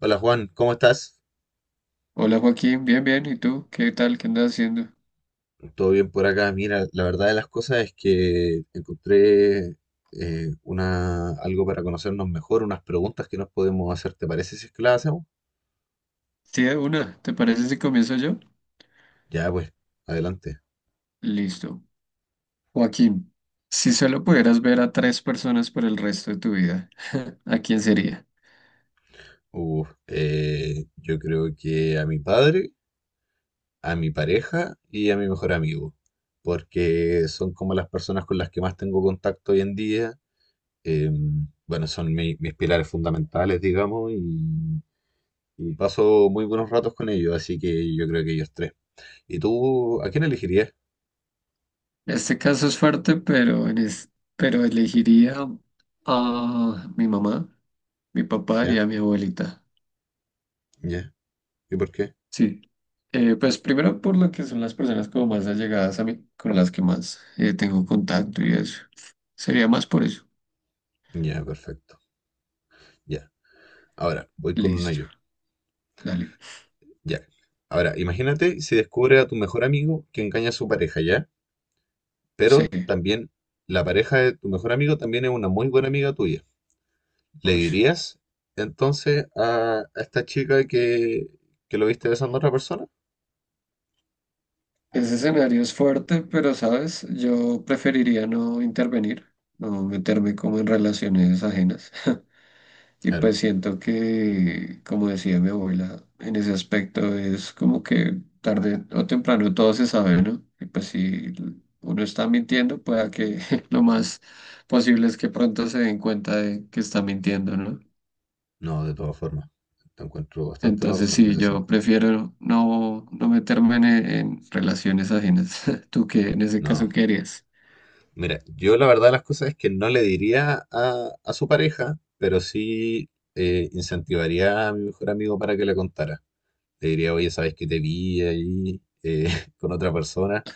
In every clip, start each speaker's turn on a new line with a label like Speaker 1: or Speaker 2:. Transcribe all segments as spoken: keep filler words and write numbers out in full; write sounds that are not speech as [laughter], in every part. Speaker 1: Hola Juan, ¿cómo estás?
Speaker 2: Hola Joaquín, bien, bien. ¿Y tú? ¿Qué tal? ¿Qué andas haciendo?
Speaker 1: ¿Todo bien por acá? Mira, la verdad de las cosas es que encontré eh, una, algo para conocernos mejor, unas preguntas que nos podemos hacer. ¿Te parece si es que las hacemos?
Speaker 2: Sí, de una. ¿Te parece si comienzo yo?
Speaker 1: Ya, pues, adelante.
Speaker 2: Listo. Joaquín, si solo pudieras ver a tres personas por el resto de tu vida, [laughs] ¿a quién sería?
Speaker 1: Uf, eh, yo creo que a mi padre, a mi pareja y a mi mejor amigo, porque son como las personas con las que más tengo contacto hoy en día. Em, bueno, son mi- mis pilares fundamentales, digamos, y y paso muy buenos ratos con ellos, así que yo creo que ellos tres. ¿Y tú a quién elegirías?
Speaker 2: Este caso es fuerte, pero, en es- pero elegiría a mi mamá, mi papá y
Speaker 1: ¿Ya?
Speaker 2: a mi abuelita.
Speaker 1: ¿Ya? ¿Y por qué?
Speaker 2: Sí. Eh, pues primero por lo que son las personas como más allegadas a mí, con las que más eh, tengo contacto y eso. Sería más por eso.
Speaker 1: Ya, perfecto. Ya. Ahora, voy con uno
Speaker 2: Listo.
Speaker 1: yo.
Speaker 2: Dale.
Speaker 1: Ya. Ahora, imagínate si descubre a tu mejor amigo que engaña a su pareja, ¿ya?
Speaker 2: Sí.
Speaker 1: Pero también la pareja de tu mejor amigo también es una muy buena amiga tuya. ¿Le
Speaker 2: Uy.
Speaker 1: dirías entonces a, a esta chica que, que lo viste besando a otra persona?
Speaker 2: Ese escenario es fuerte, pero sabes, yo preferiría no intervenir, no meterme como en relaciones ajenas. [laughs] Y
Speaker 1: Claro.
Speaker 2: pues siento que, como decía mi abuela, en ese aspecto es como que tarde o temprano todo se sabe, ¿no? Y pues si uno está mintiendo, pueda que [laughs] lo más posible es que pronto se den cuenta de que está mintiendo, ¿no?
Speaker 1: No, de todas formas. Te encuentro bastante la
Speaker 2: Entonces
Speaker 1: razón en
Speaker 2: sí,
Speaker 1: ese
Speaker 2: yo
Speaker 1: sentido.
Speaker 2: prefiero no, no meterme en, en relaciones ajenas. [laughs] ¿Tú qué en ese
Speaker 1: No.
Speaker 2: caso qué harías?
Speaker 1: Mira, yo la verdad de las cosas es que no le diría a, a su pareja, pero sí eh, incentivaría a mi mejor amigo para que le contara. Le diría, oye, ¿sabes que te vi ahí eh, [laughs] con otra persona?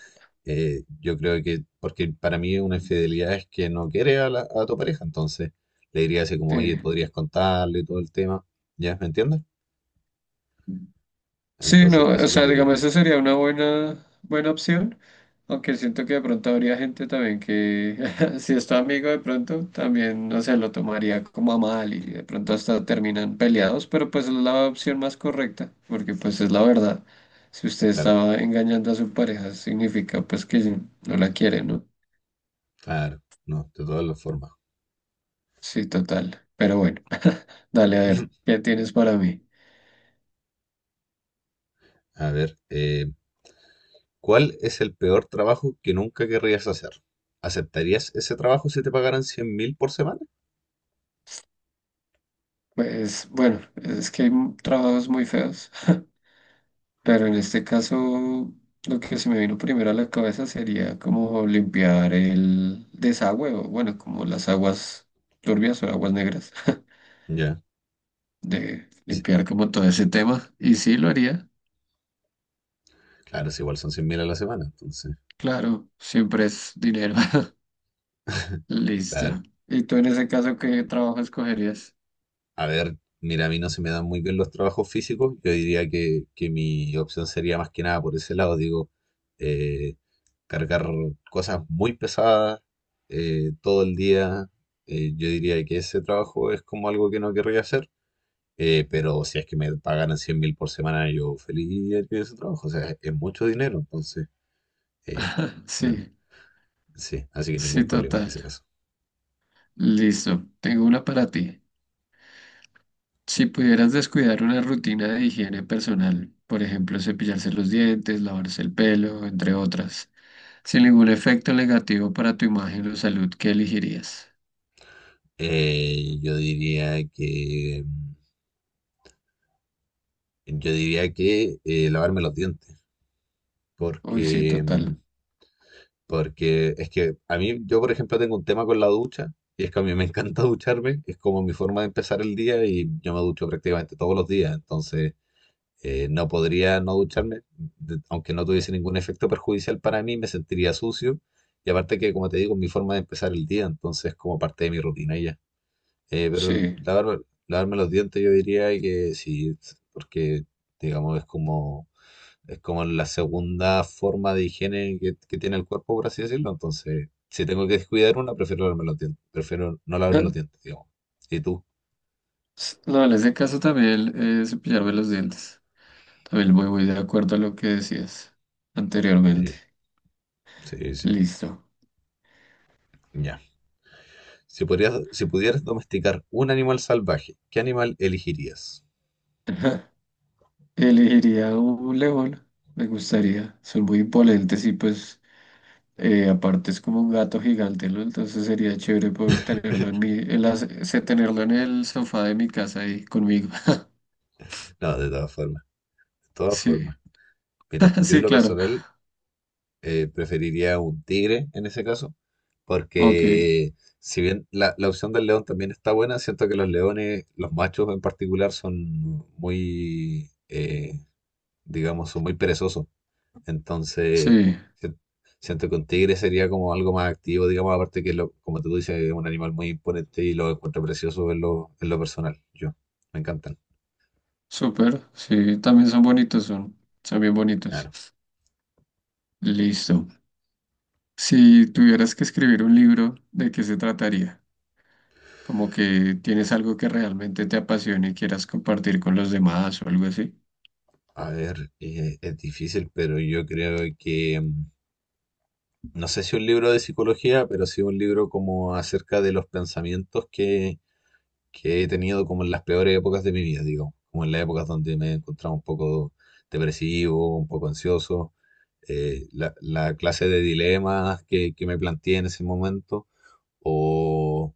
Speaker 1: Eh, yo creo que, porque para mí una infidelidad es que no quiere a, la- a tu pareja, entonces le diría así como,
Speaker 2: Sí,
Speaker 1: oye, podrías contarle todo el tema, ¿ya? ¿Me entiendes?
Speaker 2: sí,
Speaker 1: Entonces,
Speaker 2: no, o
Speaker 1: eso es lo
Speaker 2: sea,
Speaker 1: que yo
Speaker 2: digamos,
Speaker 1: diría.
Speaker 2: esa sería una buena, buena opción, aunque siento que de pronto habría gente también que, [laughs] si es tu amigo de pronto, también, no sé, lo tomaría como a mal y de pronto hasta terminan peleados, pero pues es la opción más correcta, porque pues es la verdad. Si usted
Speaker 1: Claro,
Speaker 2: estaba engañando a su pareja, significa pues que sí, no la quiere, ¿no?
Speaker 1: claro, no, de todas las formas.
Speaker 2: Sí, total. Pero bueno, [laughs] dale a ver,
Speaker 1: [laughs]
Speaker 2: ¿qué tienes para mí?
Speaker 1: A ver, eh, ¿cuál es el peor trabajo que nunca querrías hacer? ¿Aceptarías ese trabajo si te pagaran cien mil por semana?
Speaker 2: Pues bueno, es que hay m- trabajos muy feos. Pero en este caso, lo que se me vino primero a la cabeza sería como limpiar el desagüe, o bueno, como las aguas turbias o aguas negras,
Speaker 1: Ya.
Speaker 2: [laughs] de
Speaker 1: Y si-
Speaker 2: limpiar como todo ese tema. Y sí lo haría,
Speaker 1: Claro, si igual son cien mil a la semana, entonces.
Speaker 2: claro, siempre es dinero. [laughs]
Speaker 1: [laughs]
Speaker 2: Listo.
Speaker 1: Claro.
Speaker 2: ¿Y tú en ese caso qué trabajo escogerías?
Speaker 1: A ver, mira, a mí no se me dan muy bien los trabajos físicos. Yo diría que, que mi opción sería más que nada por ese lado, digo, eh, cargar cosas muy pesadas eh, todo el día. eh, yo diría que ese trabajo es como algo que no querría hacer. Eh, pero si es que me pagaran cien mil por semana, yo feliz haría ese trabajo. O sea, es mucho dinero, entonces, eh, no, no,
Speaker 2: Sí,
Speaker 1: sí, así que
Speaker 2: sí,
Speaker 1: ningún problema en
Speaker 2: total.
Speaker 1: ese caso.
Speaker 2: Listo, tengo una para ti. Si pudieras descuidar una rutina de higiene personal, por ejemplo, cepillarse los dientes, lavarse el pelo, entre otras. Sin ningún efecto negativo para tu imagen o salud, ¿qué elegirías?
Speaker 1: Eh, yo diría que, mm, yo diría que eh, lavarme los dientes,
Speaker 2: Uy, sí,
Speaker 1: porque, mm,
Speaker 2: total.
Speaker 1: porque es que a mí, yo por ejemplo tengo un tema con la ducha, y es que a mí me encanta [laughs] ducharme, es como mi forma de empezar el día y yo me ducho prácticamente todos los días, entonces... eh, no podría no ducharme, de- aunque no tuviese ningún efecto perjudicial para mí, me sentiría sucio. Y aparte que, como te digo, es mi forma de empezar el día, entonces como parte de mi rutina y ya. Eh, pero el-
Speaker 2: Sí.
Speaker 1: lavar- Lavarme los dientes yo diría que sí, porque digamos es como, es como la segunda forma de higiene que, que tiene el cuerpo, por así decirlo. Entonces, si tengo que descuidar una, prefiero lavarme los dientes, prefiero no lavarme
Speaker 2: Ah,
Speaker 1: los dientes, digamos. ¿Y tú?
Speaker 2: s- no, en ese caso también eh, cepillarme los dientes. También voy, voy de acuerdo a lo que decías anteriormente.
Speaker 1: Sí, sí, sí.
Speaker 2: Listo.
Speaker 1: Ya. Si, podrías, si pudieras domesticar un animal salvaje, ¿qué animal elegirías?
Speaker 2: Elegiría un león, me gustaría. Son muy imponentes y pues eh, aparte es como un gato gigante, ¿no? Entonces sería chévere poder tenerlo en mi, en la- se- tenerlo en el sofá de mi casa ahí conmigo. [laughs]
Speaker 1: No, de todas formas, de todas
Speaker 2: Sí,
Speaker 1: formas. Mire,
Speaker 2: [laughs]
Speaker 1: yo en
Speaker 2: sí,
Speaker 1: lo
Speaker 2: claro.
Speaker 1: personal eh, preferiría un tigre en ese caso,
Speaker 2: Ok,
Speaker 1: porque si bien la, la opción del león también está buena, siento que los leones, los machos en particular, son muy, eh, digamos, son muy perezosos. Entonces,
Speaker 2: sí.
Speaker 1: si- siento que un tigre sería como algo más activo, digamos, aparte que, lo, como tú dices, es un animal muy imponente y lo encuentro precioso en lo, en lo personal. Yo, me encantan.
Speaker 2: Súper, sí, también son bonitos, son, son bien bonitos.
Speaker 1: Claro.
Speaker 2: Listo. Si tuvieras que escribir un libro, ¿de qué se trataría? Como que tienes algo que realmente te apasione y quieras compartir con los demás o algo así.
Speaker 1: A ver, eh, es difícil, pero yo creo que, mm, no sé si un libro de psicología, pero sí un libro como acerca de los pensamientos que, que he tenido como en las peores épocas de mi vida, digamos, como en las épocas donde me he encontrado un poco depresivo, un poco ansioso, eh, la, la clase de dilemas que, que me planteé en ese momento o,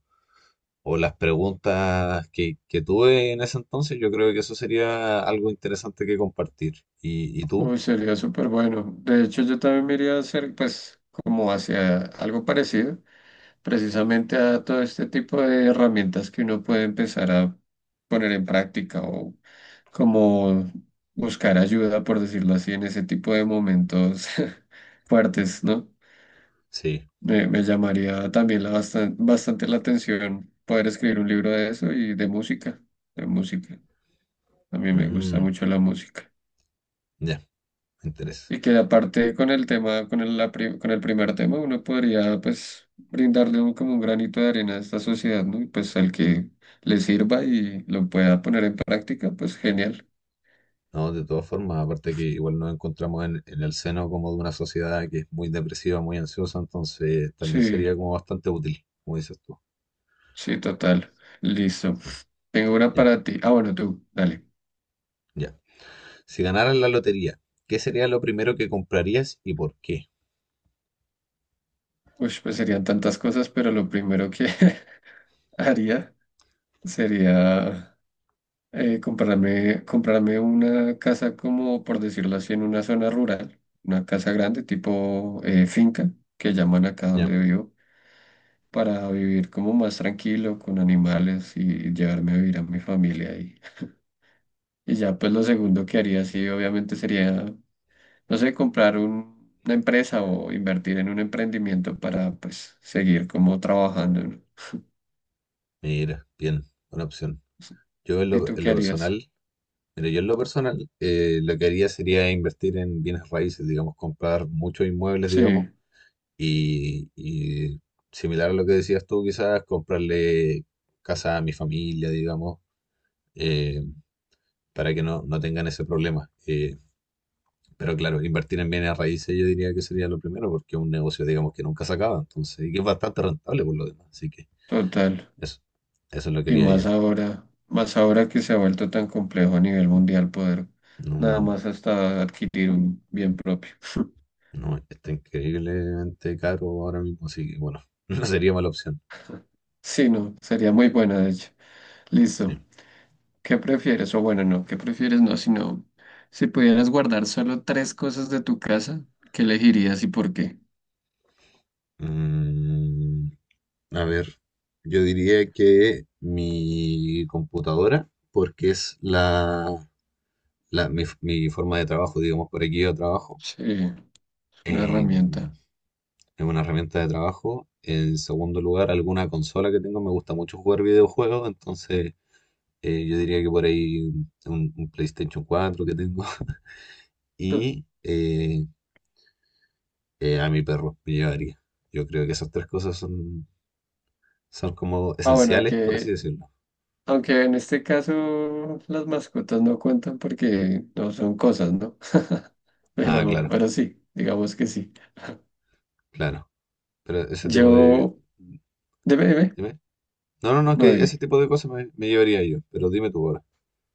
Speaker 1: o las preguntas que, que tuve en ese entonces, yo creo que eso sería algo interesante que compartir. ¿Y, y tú?
Speaker 2: Uy, sería súper bueno. De hecho, yo también me iría a hacer, pues, como hacia algo parecido. Precisamente a todo este tipo de herramientas que uno puede empezar a poner en práctica o como buscar ayuda, por decirlo así, en ese tipo de momentos [laughs] fuertes, ¿no?
Speaker 1: Sí.
Speaker 2: Me, me llamaría también la bastan- bastante la atención poder escribir un libro de eso y de música, de música. A mí me gusta
Speaker 1: Mm,
Speaker 2: mucho la música.
Speaker 1: ya, me interesa.
Speaker 2: Y que aparte con el tema, con el, la pri- con el primer tema, uno podría pues brindarle un- como un granito de arena a esta sociedad, ¿no? Y pues al que le sirva y lo pueda poner en práctica, pues genial.
Speaker 1: No, de todas formas, aparte que igual nos encontramos en, en el seno como de una sociedad que es muy depresiva, muy ansiosa, entonces también
Speaker 2: Sí,
Speaker 1: sería como bastante útil, como dices tú.
Speaker 2: sí, total. Listo.
Speaker 1: Sí,
Speaker 2: Tengo una
Speaker 1: ya,
Speaker 2: para ti. Ah, bueno, tú, dale.
Speaker 1: ya. Si ganaras la lotería, ¿qué sería lo primero que comprarías y por qué?
Speaker 2: Uy, pues serían tantas cosas, pero lo primero que [laughs] haría sería eh, comprarme, comprarme una casa como, por decirlo así, en una zona rural, una casa grande tipo eh, finca, que llaman acá
Speaker 1: Ya,
Speaker 2: donde vivo, para vivir como más tranquilo con animales y llevarme a vivir a mi familia. Y, y ya pues lo segundo que haría, sí, obviamente sería, no sé, comprar un- una empresa o invertir en un emprendimiento para pues seguir como trabajando, ¿no?
Speaker 1: mira, bien, buena opción. Yo en
Speaker 2: ¿Y
Speaker 1: lo,
Speaker 2: tú
Speaker 1: en
Speaker 2: qué
Speaker 1: lo
Speaker 2: harías?
Speaker 1: personal, mira, yo en lo personal, eh, lo que haría sería invertir en bienes raíces, digamos, comprar muchos inmuebles,
Speaker 2: Sí,
Speaker 1: digamos. Y, y similar a lo que decías tú, quizás comprarle casa a mi familia, digamos, eh, para que no, no tengan ese problema. Eh, pero claro, invertir en bienes raíces yo diría que sería lo primero, porque es un negocio, digamos, que nunca se acaba, entonces, y que es bastante rentable por lo demás. Así que
Speaker 2: total.
Speaker 1: eso, eso es lo que
Speaker 2: Y
Speaker 1: quería
Speaker 2: más
Speaker 1: yo.
Speaker 2: ahora, más ahora que se ha vuelto tan complejo a nivel mundial poder nada
Speaker 1: No,
Speaker 2: más hasta adquirir un bien propio.
Speaker 1: no, está increíblemente caro ahora mismo, así que bueno, [laughs] no sería mala opción.
Speaker 2: Sí, no, sería muy buena, de hecho. Listo.
Speaker 1: Sí.
Speaker 2: ¿Qué prefieres? O bueno, no, ¿qué prefieres? No, sino si pudieras guardar solo tres cosas de tu casa, ¿qué elegirías y por qué?
Speaker 1: Mm, A ver, yo diría que mi computadora, porque es la, la- mi, mi forma de trabajo, digamos, por aquí yo trabajo,
Speaker 2: Sí, es una
Speaker 1: eh,
Speaker 2: herramienta.
Speaker 1: es una herramienta de trabajo. En segundo lugar, alguna consola que tengo, me gusta mucho jugar videojuegos, entonces eh, yo diría que por ahí un, un PlayStation cuatro que tengo [laughs] y
Speaker 2: [laughs]
Speaker 1: eh, eh, a mi perro me llevaría. Yo creo que esas tres cosas son, son como
Speaker 2: Ah, bueno,
Speaker 1: esenciales, por así
Speaker 2: aunque,
Speaker 1: decirlo.
Speaker 2: aunque en este caso las mascotas no cuentan porque no son cosas, ¿no? [laughs]
Speaker 1: Ah,
Speaker 2: Pero,
Speaker 1: claro,
Speaker 2: pero sí, digamos que sí.
Speaker 1: claro. Pero ese tipo de...
Speaker 2: Yo, dime, dime,
Speaker 1: Dime. No, no, no,
Speaker 2: no
Speaker 1: que ese
Speaker 2: dime.
Speaker 1: tipo de cosas me, me llevaría yo, pero dime tú ahora.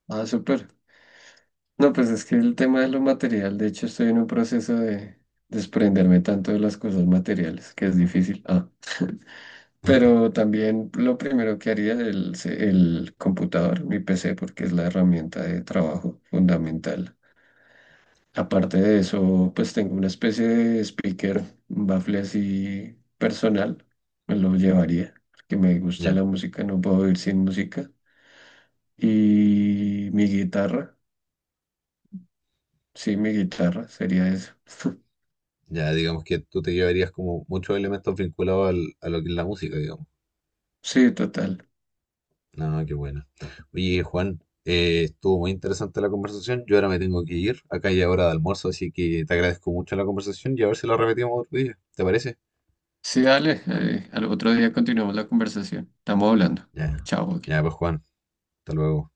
Speaker 2: Ah, súper. No, pues es que el tema de lo material, de hecho estoy en un proceso de desprenderme tanto de las cosas materiales, que es difícil. Ah. [laughs] Pero también lo primero que haría es el, se- el computador, mi P C, porque es la herramienta de trabajo fundamental. Aparte de eso, pues tengo una especie de speaker, un bafle así personal, me lo llevaría, porque me gusta
Speaker 1: Ya,
Speaker 2: la música, no puedo vivir sin música. Y mi guitarra, sí, mi guitarra sería eso. [laughs]
Speaker 1: ya, digamos que tú te llevarías como muchos elementos vinculados al- a lo que es la música, digamos.
Speaker 2: Sí, total.
Speaker 1: No, no, qué bueno. Oye, Juan, eh, estuvo muy interesante la conversación. Yo ahora me tengo que ir. Acá ya hora de almuerzo, así que te agradezco mucho la conversación y a ver si la repetimos otro día. ¿Te parece?
Speaker 2: Sí, dale, eh, al otro día continuamos la conversación. Estamos hablando.
Speaker 1: Ya,
Speaker 2: Chao, Joaquín.
Speaker 1: ya, pues Juan, hasta luego.